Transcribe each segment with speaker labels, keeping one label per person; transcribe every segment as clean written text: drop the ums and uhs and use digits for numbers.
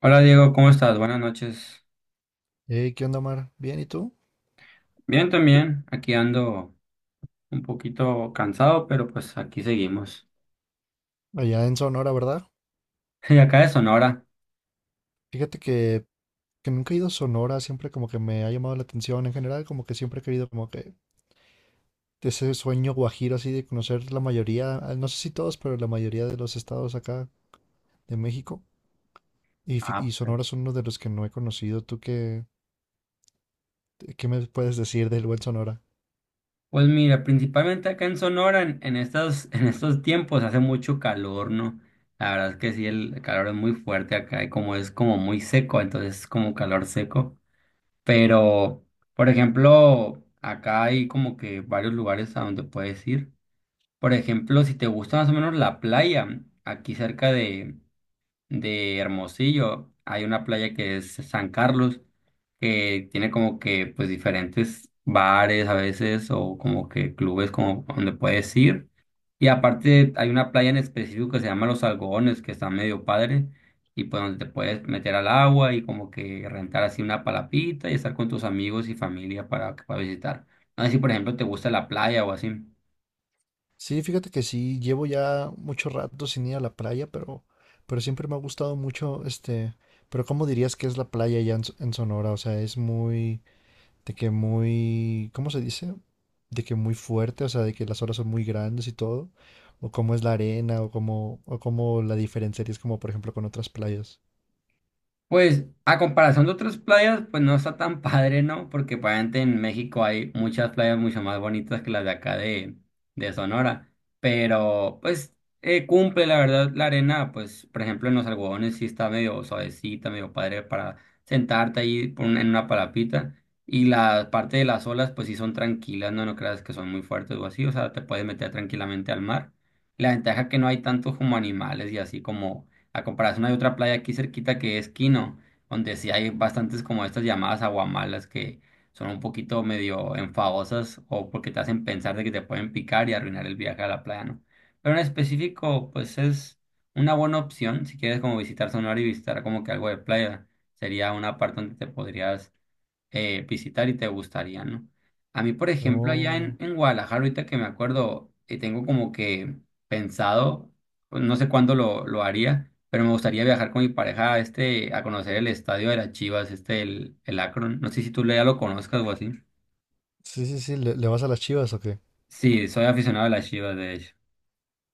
Speaker 1: Hola Diego, ¿cómo estás? Buenas noches.
Speaker 2: Hey, ¿qué onda, Mar? Bien, ¿y tú?
Speaker 1: Bien también, aquí ando un poquito cansado, pero pues aquí seguimos.
Speaker 2: Allá en Sonora, ¿verdad?
Speaker 1: Y acá de Sonora.
Speaker 2: Fíjate que nunca he ido a Sonora, siempre como que me ha llamado la atención en general, como que siempre he querido como que ese sueño guajiro así de conocer la mayoría, no sé si todos, pero la mayoría de los estados acá de México. Y, y
Speaker 1: Ah,
Speaker 2: Sonora
Speaker 1: pues.
Speaker 2: es uno de los que no he conocido. ¿Tú qué, qué me puedes decir del buen Sonora?
Speaker 1: Pues mira, principalmente acá en Sonora, en estos tiempos hace mucho calor, ¿no? La verdad es que sí, el calor es muy fuerte acá y como es como muy seco, entonces es como calor seco. Pero, por ejemplo, acá hay como que varios lugares a donde puedes ir. Por ejemplo, si te gusta más o menos la playa, aquí cerca de Hermosillo, hay una playa que es San Carlos, que tiene como que pues diferentes bares a veces o como que clubes como donde puedes ir. Y aparte hay una playa en específico que se llama Los Algodones, que está medio padre, y pues donde te puedes meter al agua y como que rentar así una palapita y estar con tus amigos y familia para visitar. No sé si por ejemplo te gusta la playa o así.
Speaker 2: Sí, fíjate que sí, llevo ya mucho rato sin ir a la playa, pero siempre me ha gustado mucho Pero ¿cómo dirías que es la playa allá en Sonora? O sea, es ¿De que muy, cómo se dice? De que muy fuerte, o sea, de que las olas son muy grandes y todo, o cómo es la arena, o cómo la diferenciarías como por ejemplo con otras playas.
Speaker 1: Pues a comparación de otras playas, pues no está tan padre, ¿no? Porque pues, obviamente en México hay muchas playas mucho más bonitas que las de acá de Sonora. Pero pues cumple, la verdad, la arena, pues por ejemplo en los algodones sí está medio suavecita, medio padre para sentarte ahí por un- en una palapita. Y la parte de las olas, pues sí son tranquilas, no creas que son muy fuertes o así, o sea, te puedes meter tranquilamente al mar. La ventaja que no hay tantos como animales y así como a comparación hay otra playa aquí cerquita que es Quino, donde sí hay bastantes como estas llamadas aguamalas que son un poquito medio enfadosas o porque te hacen pensar de que te pueden picar y arruinar el viaje a la playa, ¿no? Pero en específico, pues es una buena opción si quieres como visitar Sonora y visitar como que algo de playa. Sería una parte donde te podrías visitar y te gustaría, ¿no? A mí, por ejemplo,
Speaker 2: No,
Speaker 1: en Guadalajara, ahorita que me acuerdo, tengo como que pensado, pues, no sé cuándo lo haría, pero me gustaría viajar con mi pareja a, este, a conocer el estadio de las Chivas, este, el Akron. No sé si tú ya lo conozcas o así.
Speaker 2: sí, sí, sí, le vas a las Chivas o qué?
Speaker 1: Sí, soy aficionado a las Chivas, de hecho.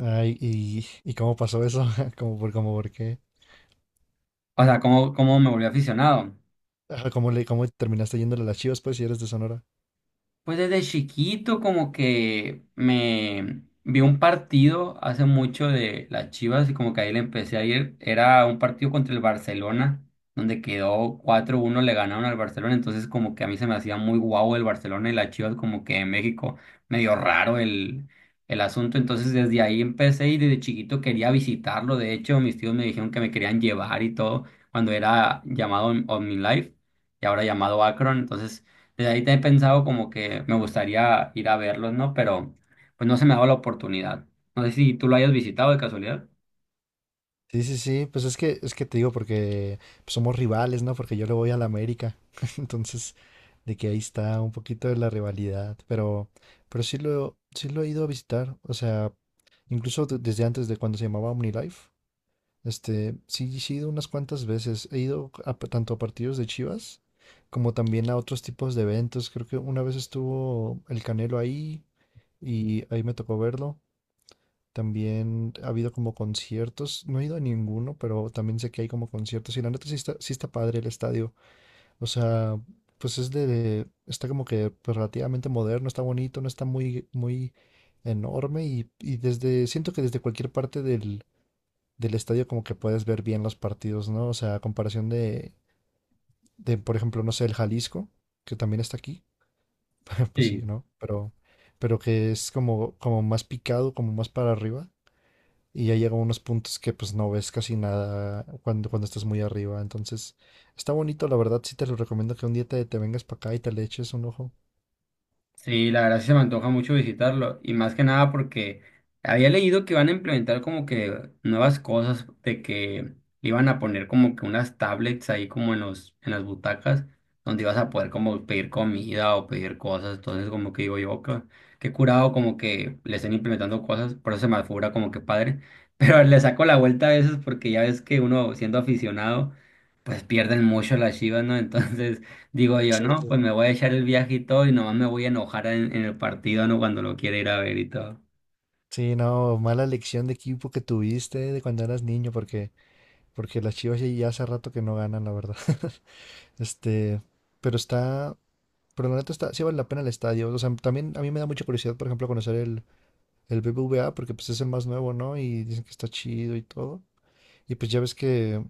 Speaker 2: Ay, ¿y cómo pasó eso? ¿Cómo por, cómo por qué?
Speaker 1: O sea, ¿cómo me volví aficionado?
Speaker 2: Ajá, cómo terminaste yéndole a las Chivas pues si eres de Sonora?
Speaker 1: Pues desde chiquito como que me vi un partido hace mucho de las Chivas y como que ahí le empecé a ir. Era un partido contra el Barcelona, donde quedó cuatro uno le ganaron al Barcelona, entonces como que a mí se me hacía muy guau el Barcelona y las Chivas como que en México medio raro el asunto. Entonces desde ahí empecé y desde chiquito quería visitarlo. De hecho, mis tíos me dijeron que me querían llevar y todo cuando era OmniLife y ahora llamado Akron. Entonces desde ahí te he pensado como que me gustaría ir a verlos, ¿no? Pero pues no se me ha dado la oportunidad. No sé si tú lo hayas visitado de casualidad.
Speaker 2: Sí, sí, sí, pues es que te digo porque pues, somos rivales, ¿no? Porque yo le voy a la América. Entonces, de que ahí está un poquito de la rivalidad, pero sí lo he ido a visitar, o sea, incluso desde antes de cuando se llamaba OmniLife, este, sí, sí he ido unas cuantas veces, he ido a tanto a partidos de Chivas como también a otros tipos de eventos, creo que una vez estuvo el Canelo ahí y ahí me tocó verlo, también ha habido como conciertos, no he ido a ninguno, pero también sé que hay como conciertos y la neta sí está padre el estadio. O sea, pues es está como que pues, relativamente moderno, está bonito, no está muy, muy enorme y desde, siento que desde cualquier parte del estadio como que puedes ver bien los partidos, ¿no? O sea, a comparación de, por ejemplo, no sé, el Jalisco, que también está aquí, pues sí,
Speaker 1: Sí.
Speaker 2: ¿no? Pero que es como, como más picado, como más para arriba y ya llega a unos puntos que pues no ves casi nada cuando, cuando estás muy arriba. Entonces, está bonito, la verdad, sí te lo recomiendo que un día te vengas para acá y te le eches un ojo.
Speaker 1: Sí, la verdad sí se me antoja mucho visitarlo y más que nada porque había leído que van a implementar como que nuevas cosas de que le iban a poner como que unas tablets ahí como en los en las butacas donde ibas a poder como pedir comida o pedir cosas, entonces como que digo yo que qué curado como que le estén implementando cosas, por eso se me figura como que padre, pero le saco la vuelta a veces porque ya ves que uno siendo aficionado pues pierden mucho las Chivas, ¿no? Entonces digo yo,
Speaker 2: Sí,
Speaker 1: no,
Speaker 2: sí,
Speaker 1: pues
Speaker 2: sí.
Speaker 1: me voy a echar el viaje y todo y nomás me voy a enojar en el partido, ¿no? Cuando lo quiera ir a ver y todo.
Speaker 2: Sí, no, mala elección de equipo que tuviste de cuando eras niño, porque las Chivas ya, ya hace rato que no ganan, la verdad. Este, pero está, pero la neta está, sí vale la pena el estadio. O sea, también a mí me da mucha curiosidad, por ejemplo, conocer el BBVA, porque pues es el más nuevo, ¿no? Y dicen que está chido y todo. Y pues ya ves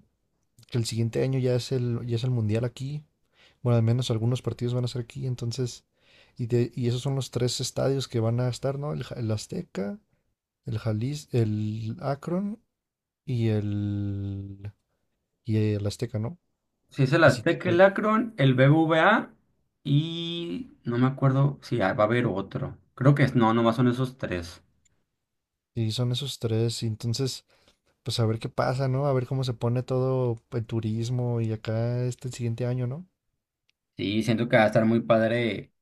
Speaker 2: que el siguiente año ya es ya es el mundial aquí. Bueno, al menos algunos partidos van a ser aquí, entonces, y, y esos son los tres estadios que van a estar, ¿no? El Azteca, el Jalis, el Akron y el, y el Azteca, ¿no?
Speaker 1: Si es el
Speaker 2: Así
Speaker 1: Azteca, el
Speaker 2: que
Speaker 1: Akron, el BBVA y no me acuerdo si va a haber otro. Creo que es, no, nomás son esos tres.
Speaker 2: sí, son esos tres, y entonces, pues a ver qué pasa, ¿no? A ver cómo se pone todo el turismo y acá este siguiente año, ¿no?
Speaker 1: Sí, siento que va a estar muy padre.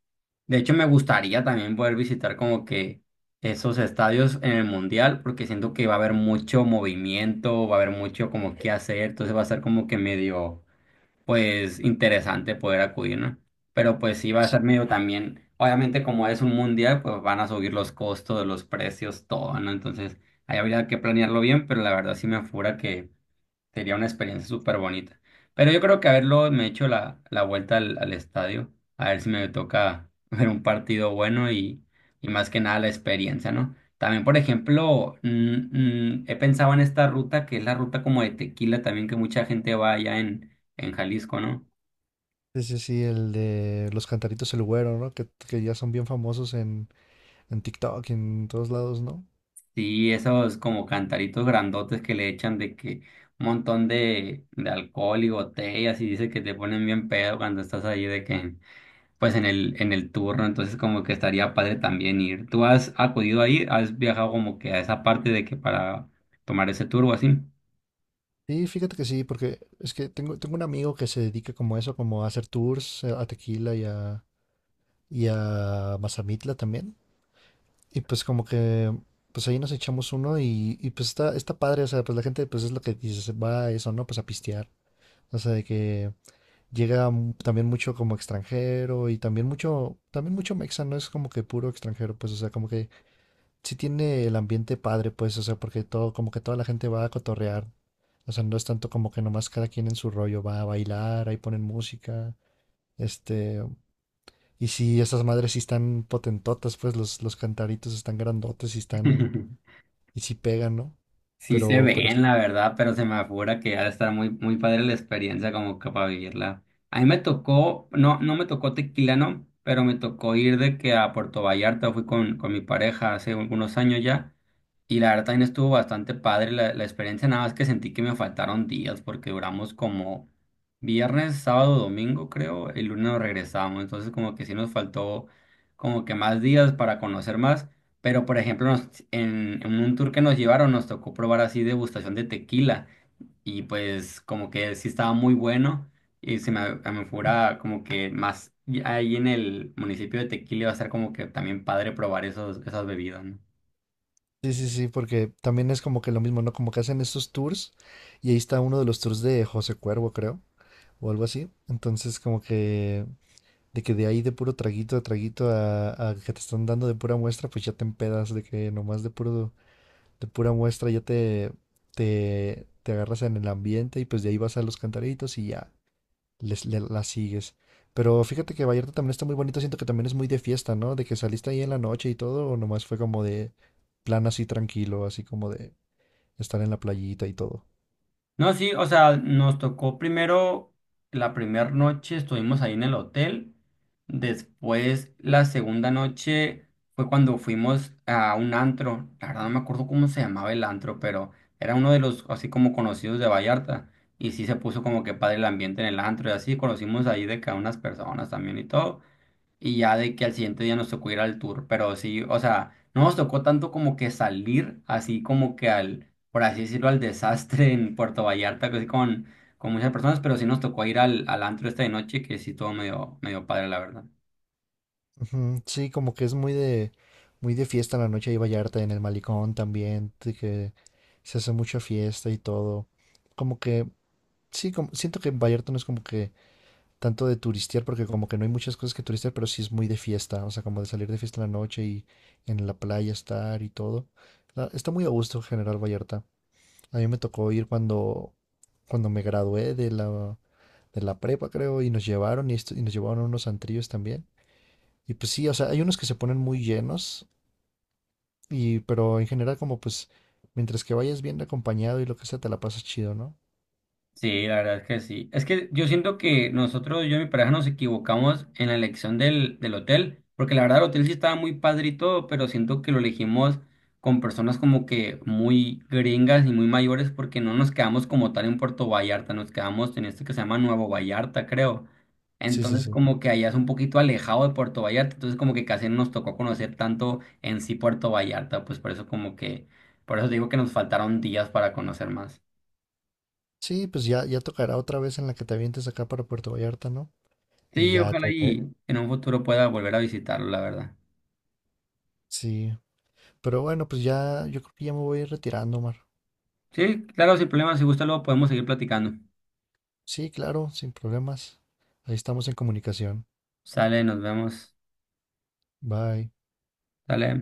Speaker 1: De hecho, me gustaría también poder visitar como que esos estadios en el Mundial porque siento que va a haber mucho movimiento, va a haber mucho como que hacer, entonces va a ser como que medio... pues interesante poder acudir, ¿no? Pero pues sí va a
Speaker 2: Sí,
Speaker 1: estar medio también, obviamente como es un mundial, pues van a subir los costos, los precios, todo, ¿no? Entonces ahí habría que planearlo bien, pero la verdad sí me apura. Sería una experiencia súper bonita. Pero yo creo que haberlo me he hecho la vuelta al estadio, a ver si me toca ver un partido bueno y más que nada la experiencia, ¿no? También, por ejemplo, he pensado en esta ruta que es la ruta como de Tequila también, que mucha gente va allá en Jalisco, ¿no?
Speaker 2: sí, sí, sí, el de los cantaritos el güero, ¿no? Que ya son bien famosos en TikTok y en todos lados, ¿no?
Speaker 1: Sí, esos como cantaritos grandotes que le echan de que un montón de alcohol y botellas y dice que te ponen bien pedo cuando estás ahí de que... pues en el turno, entonces como que estaría padre también ir. ¿Tú has acudido ahí? ¿Has viajado como que a esa parte de que para tomar ese tour o así?
Speaker 2: Sí, fíjate que sí, porque es que tengo, tengo un amigo que se dedica como a eso, como a hacer tours a Tequila y a Mazamitla también. Y pues como que, pues ahí nos echamos uno y pues está, está padre, o sea, pues la gente pues es lo que dices, va a eso, ¿no? Pues a pistear. O sea, de que llega también mucho como extranjero y también mucho mexa, no es como que puro extranjero, pues o sea, como que sí tiene el ambiente padre, pues, o sea, porque todo, como que toda la gente va a cotorrear. O sea, no es tanto como que nomás cada quien en su rollo va a bailar, ahí ponen música. Este, y si esas madres sí están potentotas, pues los cantaritos están grandotes y están, y sí pegan, ¿no?
Speaker 1: Sí se
Speaker 2: Pero sí,
Speaker 1: ven, la verdad, pero se me afigura que ha de estar muy, muy padre la experiencia como que para vivirla. A mí me tocó, no, no me tocó tequila, no, pero me tocó ir de que a Puerto Vallarta fui con mi pareja hace algunos años ya. Y la verdad también estuvo bastante padre la experiencia, nada más que sentí que me faltaron días porque duramos como viernes, sábado, domingo creo, el lunes nos regresamos, entonces como que sí nos faltó como que más días para conocer más, pero, por ejemplo, en un tour que nos llevaron nos tocó probar así degustación de tequila y pues como que sí estaba muy bueno y se me, a mí fuera como que más y ahí en el municipio de Tequila iba a ser como que también padre probar esos, esas bebidas, ¿no?
Speaker 2: sí, sí, sí, porque también es como que lo mismo, ¿no? Como que hacen estos tours y ahí está uno de los tours de José Cuervo, creo, o algo así. Entonces, como que de ahí de puro traguito a traguito a que te están dando de pura muestra, pues ya te empedas de que nomás de puro de pura muestra ya te agarras en el ambiente y pues de ahí vas a los cantaritos y ya la sigues. Pero fíjate que Vallarta también está muy bonito, siento que también es muy de fiesta, ¿no? ¿De que saliste ahí en la noche y todo, o nomás fue como de plan así tranquilo, así como de estar en la playita y todo?
Speaker 1: No, sí, o sea, nos tocó primero la primera noche, estuvimos ahí en el hotel. Después, la segunda noche fue cuando fuimos a un antro. La verdad no me acuerdo cómo se llamaba el antro, pero era uno de los así como conocidos de Vallarta. Y sí se puso como que padre el ambiente en el antro y así conocimos ahí de que a unas personas también y todo. Y ya de que al siguiente día nos tocó ir al tour, pero sí, o sea, no nos tocó tanto como que salir, así como que al, por así decirlo, al desastre en Puerto Vallarta, que sí con muchas personas, pero sí nos tocó ir al antro esta de noche, que sí estuvo medio, medio padre, la verdad.
Speaker 2: Ujú. Sí, como que es muy muy de fiesta en la noche ahí Vallarta, en el malecón también, de que se hace mucha fiesta y todo. Como que, sí, como, siento que Vallarta no es como que tanto de turistear, porque como que no hay muchas cosas que turistear, pero sí es muy de fiesta, o sea, como de salir de fiesta en la noche y en la playa estar y todo. Está muy a gusto General Vallarta. A mí me tocó ir cuando, cuando me gradué de la prepa, creo, y nos llevaron y, y nos llevaron a unos antrillos también. Y pues sí, o sea, hay unos que se ponen muy llenos, y, pero en general como pues, mientras que vayas bien acompañado y lo que sea, te la pasas chido, ¿no?
Speaker 1: Sí, la verdad es que sí. Es que yo siento que nosotros, yo y mi pareja, nos equivocamos en la elección del hotel, porque la verdad el hotel sí estaba muy padre y todo, pero siento que lo elegimos con personas como que muy gringas y muy mayores, porque no nos quedamos como tal en Puerto Vallarta, nos quedamos en este que se llama Nuevo Vallarta, creo.
Speaker 2: Sí, sí,
Speaker 1: Entonces
Speaker 2: sí.
Speaker 1: como que allá es un poquito alejado de Puerto Vallarta, entonces como que casi no nos tocó conocer tanto en sí Puerto Vallarta, pues por eso como que, por eso digo que nos faltaron días para conocer más.
Speaker 2: Sí, pues ya, ya tocará otra vez en la que te avientes acá para Puerto Vallarta, ¿no? Y
Speaker 1: Sí,
Speaker 2: ya
Speaker 1: ojalá y en un futuro pueda volver a visitarlo, la verdad.
Speaker 2: Sí, pero bueno, pues ya, yo creo que ya me voy a ir retirando, Omar.
Speaker 1: Sí, claro, sin problema, si gusta luego podemos seguir platicando.
Speaker 2: Sí, claro, sin problemas. Ahí estamos en comunicación.
Speaker 1: Sale, nos vemos.
Speaker 2: Bye.
Speaker 1: Sale.